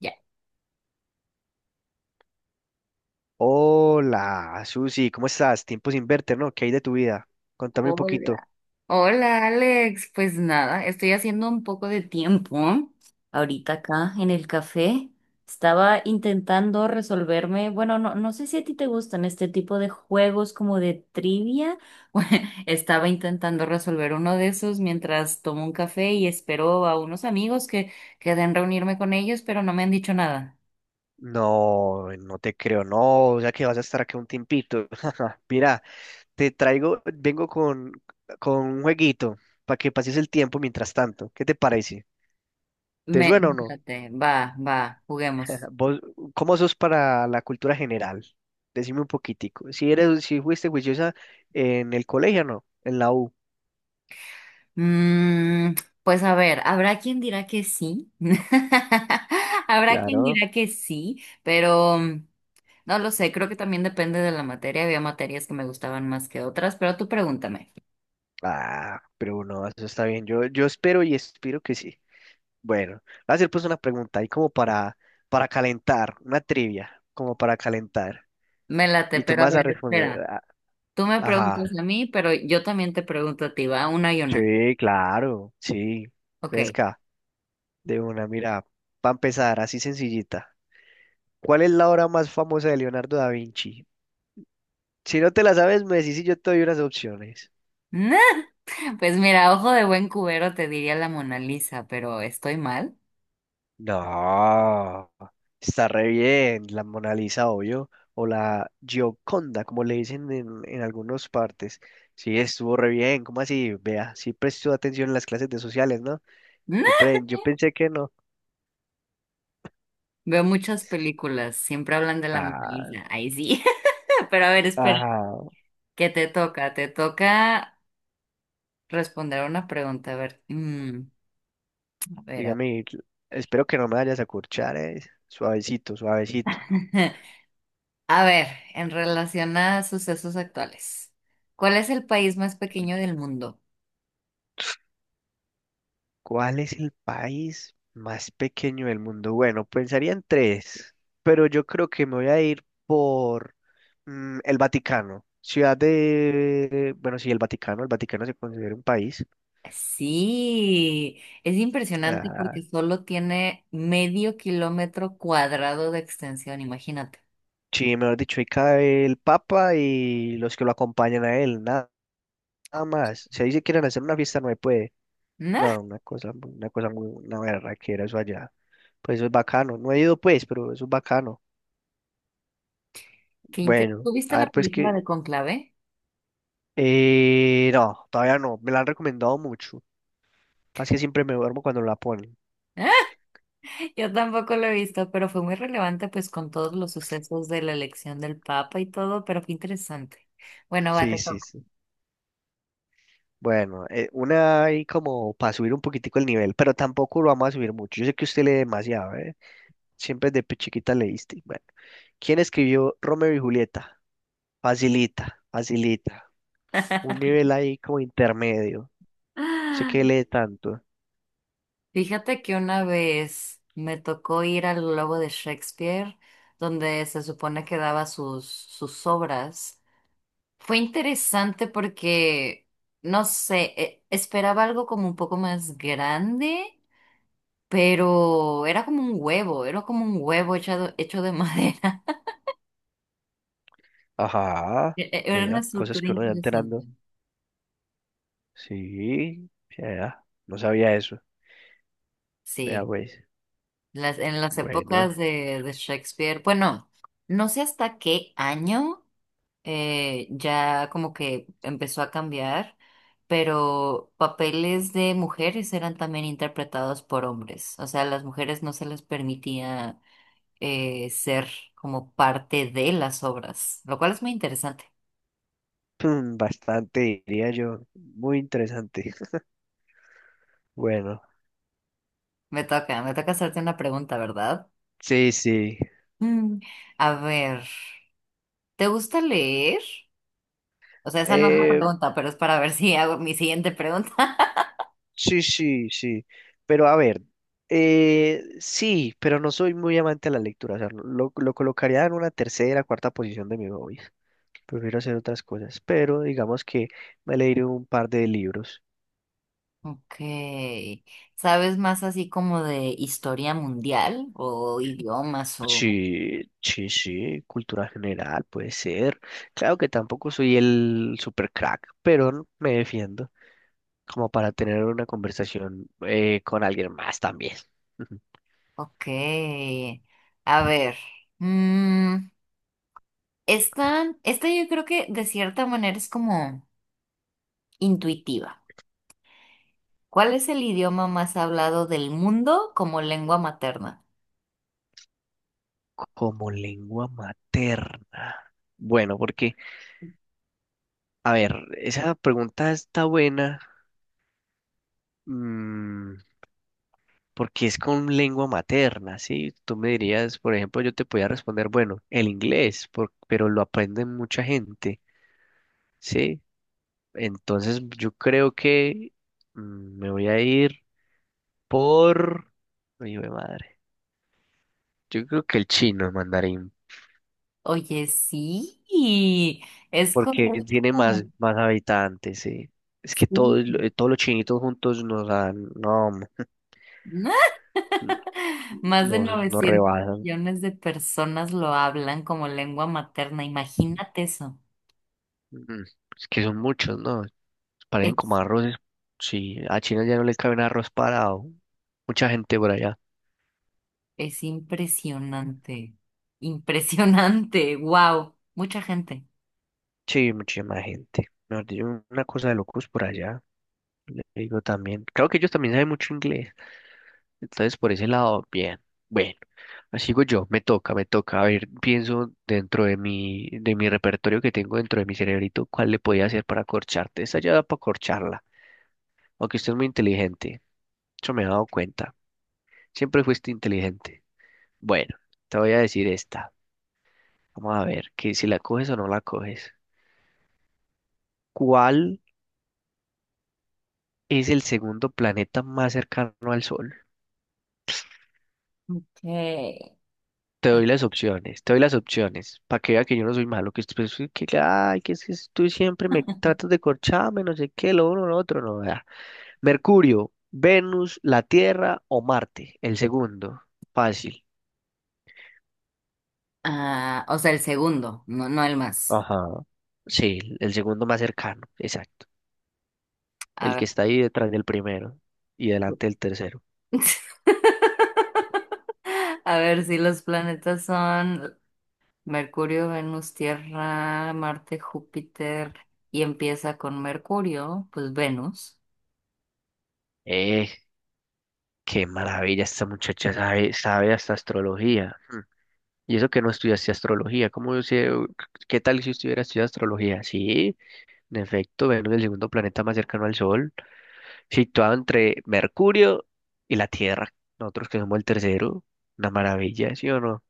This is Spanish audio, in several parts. Ya. Hola, Susi, ¿cómo estás? Tiempo sin verte, ¿no? ¿Qué hay de tu vida? Contame un poquito. Hola. Hola, Alex. Pues nada, estoy haciendo un poco de tiempo ahorita acá en el café. Estaba intentando resolverme, bueno, no sé si a ti te gustan este tipo de juegos como de trivia. Estaba intentando resolver uno de esos mientras tomo un café y espero a unos amigos que queden reunirme con ellos, pero no me han dicho nada. No, no te creo, no, o sea que vas a estar aquí un tiempito. Mira, te traigo, vengo con un jueguito para que pases el tiempo mientras tanto. ¿Qué te parece? ¿Te Me, suena o no? fíjate, va, va, juguemos. ¿Vos cómo sos para la cultura general? Decime un poquitico. Si eres, si fuiste juiciosa en el colegio, o ¿no? En la U. Mm, pues a ver, habrá quien dirá que sí, habrá quien Claro. dirá que sí, pero no lo sé, creo que también depende de la materia, había materias que me gustaban más que otras, pero tú pregúntame, Ah, pero no, eso está bien. Yo espero y espero que sí. Bueno, voy a hacer pues una pregunta ahí como para calentar, una trivia, como para calentar. me late, Y tú me pero a vas ver, a responder, espera, a- tú me ajá, preguntas a mí, pero yo también te pregunto a ti, va, una y una, sí, claro, sí, ok. fresca, de una, mira, para empezar, así sencillita. ¿Cuál es la obra más famosa de Leonardo da Vinci? Si no te la sabes, me decís y yo te doy unas opciones. Nah, pues mira, ojo de buen cubero te diría la Mona Lisa, pero estoy mal. No, está re bien, la Mona Lisa, obvio, o la Gioconda, como le dicen en algunas partes. Sí, estuvo re bien, ¿cómo así? Vea, sí prestó atención en las clases de sociales, ¿no? Yo, Nah, pre- yo pensé que no. veo muchas películas, siempre hablan de la Mona Ah, Lisa, ahí sí, pero a ver, espera. ah, Que te toca responder una pregunta. A ver, a ver, a ver. dígame, espero que no me vayas a curchar, Suavecito, suavecito. A ver, en relación a sucesos actuales, ¿cuál es el país más pequeño del mundo? ¿Cuál es el país más pequeño del mundo? Bueno, pensaría en tres, pero yo creo que me voy a ir por el Vaticano. Ciudad de, bueno, sí, el Vaticano se considera un país. Sí, es impresionante Ah, porque solo tiene medio kilómetro cuadrado de extensión, imagínate. sí, mejor dicho, ahí cae el Papa y los que lo acompañan a él, nada, nada más. Si ahí se quieren hacer una fiesta, no se puede. Nah, No, una cosa, muy- una cosa muy, una berraquera eso allá. Pues eso es bacano. No he ido pues, pero eso es bacano. qué inte- Bueno, ¿Tú viste a la ver pues película qué. de Conclave? No, todavía no. Me la han recomendado mucho. Pasa que siempre me duermo cuando la ponen. Yo tampoco lo he visto, pero fue muy relevante pues con todos los sucesos de la elección del Papa y todo, pero fue interesante. Bueno, va, te Sí, sí, toca. sí. Bueno, una ahí como para subir un poquitico el nivel, pero tampoco lo vamos a subir mucho. Yo sé que usted lee demasiado, ¿eh? Siempre desde chiquita leíste. Bueno, ¿quién escribió Romeo y Julieta? Facilita, facilita. Un nivel ahí como intermedio. Sé que Ah, lee tanto. fíjate que una vez me tocó ir al Globo de Shakespeare, donde se supone que daba sus obras. Fue interesante porque, no sé, esperaba algo como un poco más grande, pero era como un huevo, era como un huevo hecho de madera. Ajá, Era una vea, cosas estructura que uno va interesante. enterando. Sí, vea, no sabía eso. Vea, Sí, pues, las, en las bueno. épocas de Shakespeare, bueno, no sé hasta qué año ya como que empezó a cambiar, pero papeles de mujeres eran también interpretados por hombres, o sea, a las mujeres no se les permitía ser como parte de las obras, lo cual es muy interesante. Mm, bastante, diría yo. Muy interesante. Bueno, Me toca hacerte una pregunta, ¿verdad? sí, sí. Mm, a ver, ¿te gusta leer? O sea, esa no es la Eh, pregunta, pero es para ver si hago mi siguiente pregunta. sí, sí, sí. Pero a ver, sí, pero no soy muy amante de la lectura. O sea, lo colocaría en una tercera, cuarta posición de mi hobbies. Prefiero hacer otras cosas. Pero digamos que me leeré un par de libros. Ok. ¿Sabes más así como de historia mundial o idiomas o...? Sí, sí, sí, cultura general puede ser. Claro que tampoco soy el super crack, pero me defiendo, como para tener una conversación con alguien más también. Ujú. Ok. A ver. mm, esta yo creo que de cierta manera es como intuitiva. ¿Cuál es el idioma más hablado del mundo como lengua materna? Como lengua materna. Bueno, porque, a ver, esa pregunta está buena, mm, porque es con lengua materna, ¿sí? Tú me dirías, por ejemplo, yo te podía responder, bueno, el inglés, por- pero lo aprende mucha gente, ¿sí? Entonces yo creo que me voy a ir por... Hijo de madre. Yo creo que el chino, el mandarín, Oye, sí. Es porque correcto. tiene más habitantes, sí. Es que Sí. todos, lo- todos los chinitos juntos nos dan, no, hombre. Más de Nos, nos 900 rebasan. millones de personas lo hablan como lengua materna. Imagínate eso. Mm, es que son muchos, ¿no? Parecen como Es, arroces. Sí, a China ya no le cabe un arroz parado. Mucha gente por allá. es impresionante. Impresionante. Wow. Mucha gente. Sí, muchísima gente. Mejor dicho, una cosa de locos por allá. Le digo también. Creo que ellos también saben mucho inglés. Entonces, por ese lado, bien. Bueno. Sigo yo, me toca, me toca. A ver, pienso dentro de mi repertorio que tengo dentro de mi cerebrito, cuál le podía hacer para corcharte. Esta ya da para corcharla, aunque usted es muy inteligente. Eso me he dado cuenta. Siempre fuiste inteligente. Bueno, te voy a decir esta. Vamos a ver, que si la coges o no la coges. ¿Cuál es el segundo planeta más cercano al Sol? Ok. Te doy las opciones, te doy las opciones, para que vea que yo no soy malo, que, usted- pues, que- ay, que es que tú siempre me tratas de corcharme, no sé qué, lo uno, lo otro, no, vea. Mercurio, Venus, la Tierra o Marte. El segundo, fácil. Ah, o sea, el segundo, no, no el más. Ajá. Sí, el segundo más cercano, exacto. A El que ver. está ahí detrás del primero y delante del tercero. A ver, si los planetas son Mercurio, Venus, Tierra, Marte, Júpiter y empieza con Mercurio, pues Venus. Eh, qué maravilla, esta muchacha sabe, sabe hasta astrología. Mm. Y eso que no estudiaste astrología, ¿cómo yo sé? ¿Qué tal si estuviera estudiando astrología? Sí, en efecto, Venus es el segundo planeta más cercano al Sol, situado entre Mercurio y la Tierra. Nosotros que somos el tercero, una maravilla, ¿sí o no?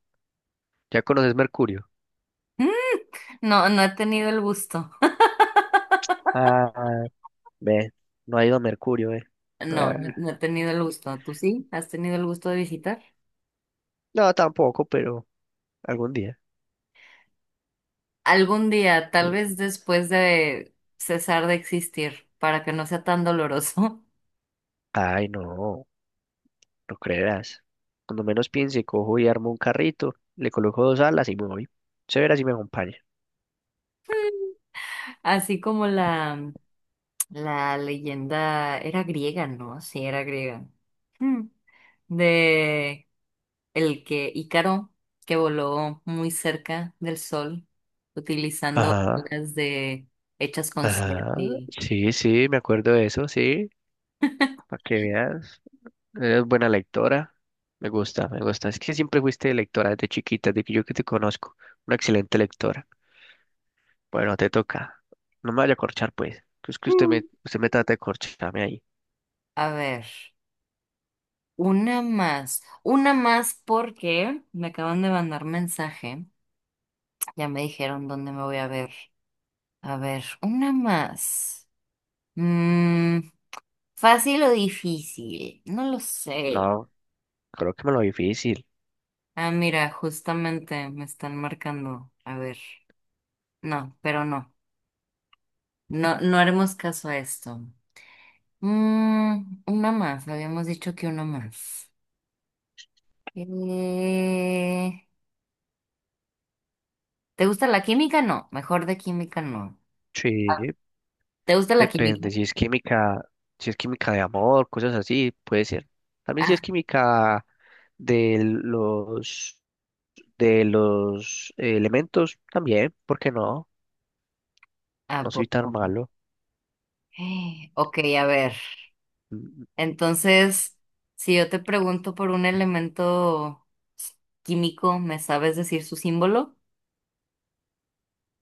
¿Ya conoces Mercurio? Mm, No, no he tenido el gusto. Ah, ve, no ha ido a Mercurio, No, no Ah, he tenido el gusto. ¿Tú sí? ¿Has tenido el gusto de visitar? no, tampoco, pero algún día. Algún día, tal vez después de cesar de existir, para que no sea tan doloroso. Ay, no, no creerás. Cuando menos piense, cojo y armo un carrito, le coloco dos alas y me voy. Se verá si me acompaña. Así como la leyenda era griega, ¿no? Sí, era griega. Mm. De el que Ícaro, que voló muy cerca del sol, utilizando Ajá, alas de hechas con cera ajá. y... Sí, sí, me acuerdo de eso, sí. Para que veas. Eres buena lectora. Me gusta, me gusta. Es que siempre fuiste lectora desde chiquita, desde que yo que te conozco. Una excelente lectora. Bueno, te toca. No me vaya a corchar, pues. Que Es que Mm. usted me trata de corcharme ahí. A ver. Una más porque me acaban de mandar mensaje. Ya me dijeron dónde me voy a ver. A ver, una más. Mm, ¿Fácil o difícil? No lo sé. No, creo que me lo difícil. Ah, mira, justamente me están marcando. A ver, no, pero no. No, no haremos caso a esto. Una más, habíamos dicho que una más. Eh, ¿Te gusta la química? No, mejor de química no. Sí, ¿Te gusta la química? depende. Si es química, si es química de amor, cosas así, puede ser. También si Ah, es química de los de los elementos, también, ¿por qué no? ¿a No soy tan poco? malo. Ok, a ver. Mm, Entonces, si yo te pregunto por un elemento químico, ¿me sabes decir su símbolo?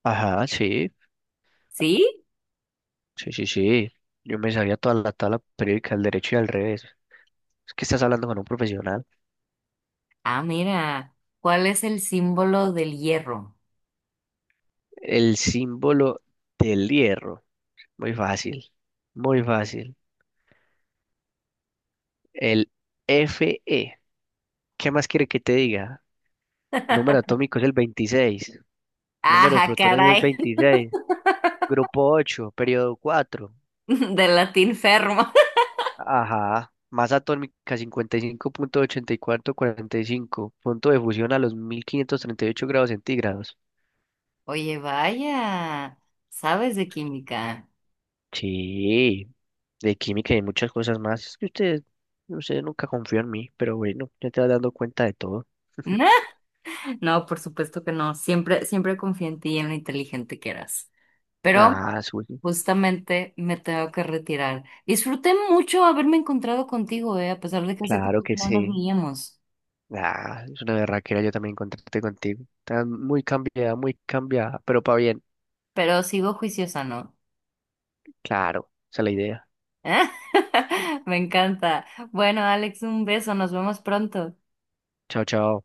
Ajá, sí, ¿Sí? sí, sí, sí. Yo me sabía toda la tabla periódica del derecho y al revés. Es que estás hablando con un profesional. Ah, mira. ¿Cuál es el símbolo del hierro? El símbolo del hierro. Muy fácil, muy fácil. El Fe. ¿Qué más quiere que te diga? Número atómico es el 26. Número de Ajá, protones es caray. 26. Grupo 8, periodo 4. Del latín fermo. Ajá. Masa atómica 55.8445. Punto ochenta y cuatro cuarenta y cinco. Punto de fusión a los 1538 grados centígrados. Oye, vaya. ¿Sabes de química? Sí, de química y muchas cosas más. Es que usted, usted nunca confió en mí, pero bueno, ya te vas dando cuenta de todo. No, por supuesto que no. Siempre, siempre confío en ti y en lo inteligente que eras, pero Ah, Zuli, justamente me tengo que retirar. Disfruté mucho haberme encontrado contigo, a pesar de que hace claro tiempo que que no nos sí. veíamos, Ah, es una berraquera yo también contraté contigo. Está muy cambiada, pero para bien. pero sigo juiciosa, ¿no? Claro, esa es la idea. Me encanta. Bueno, Alex, un beso, nos vemos pronto. Chao, chao.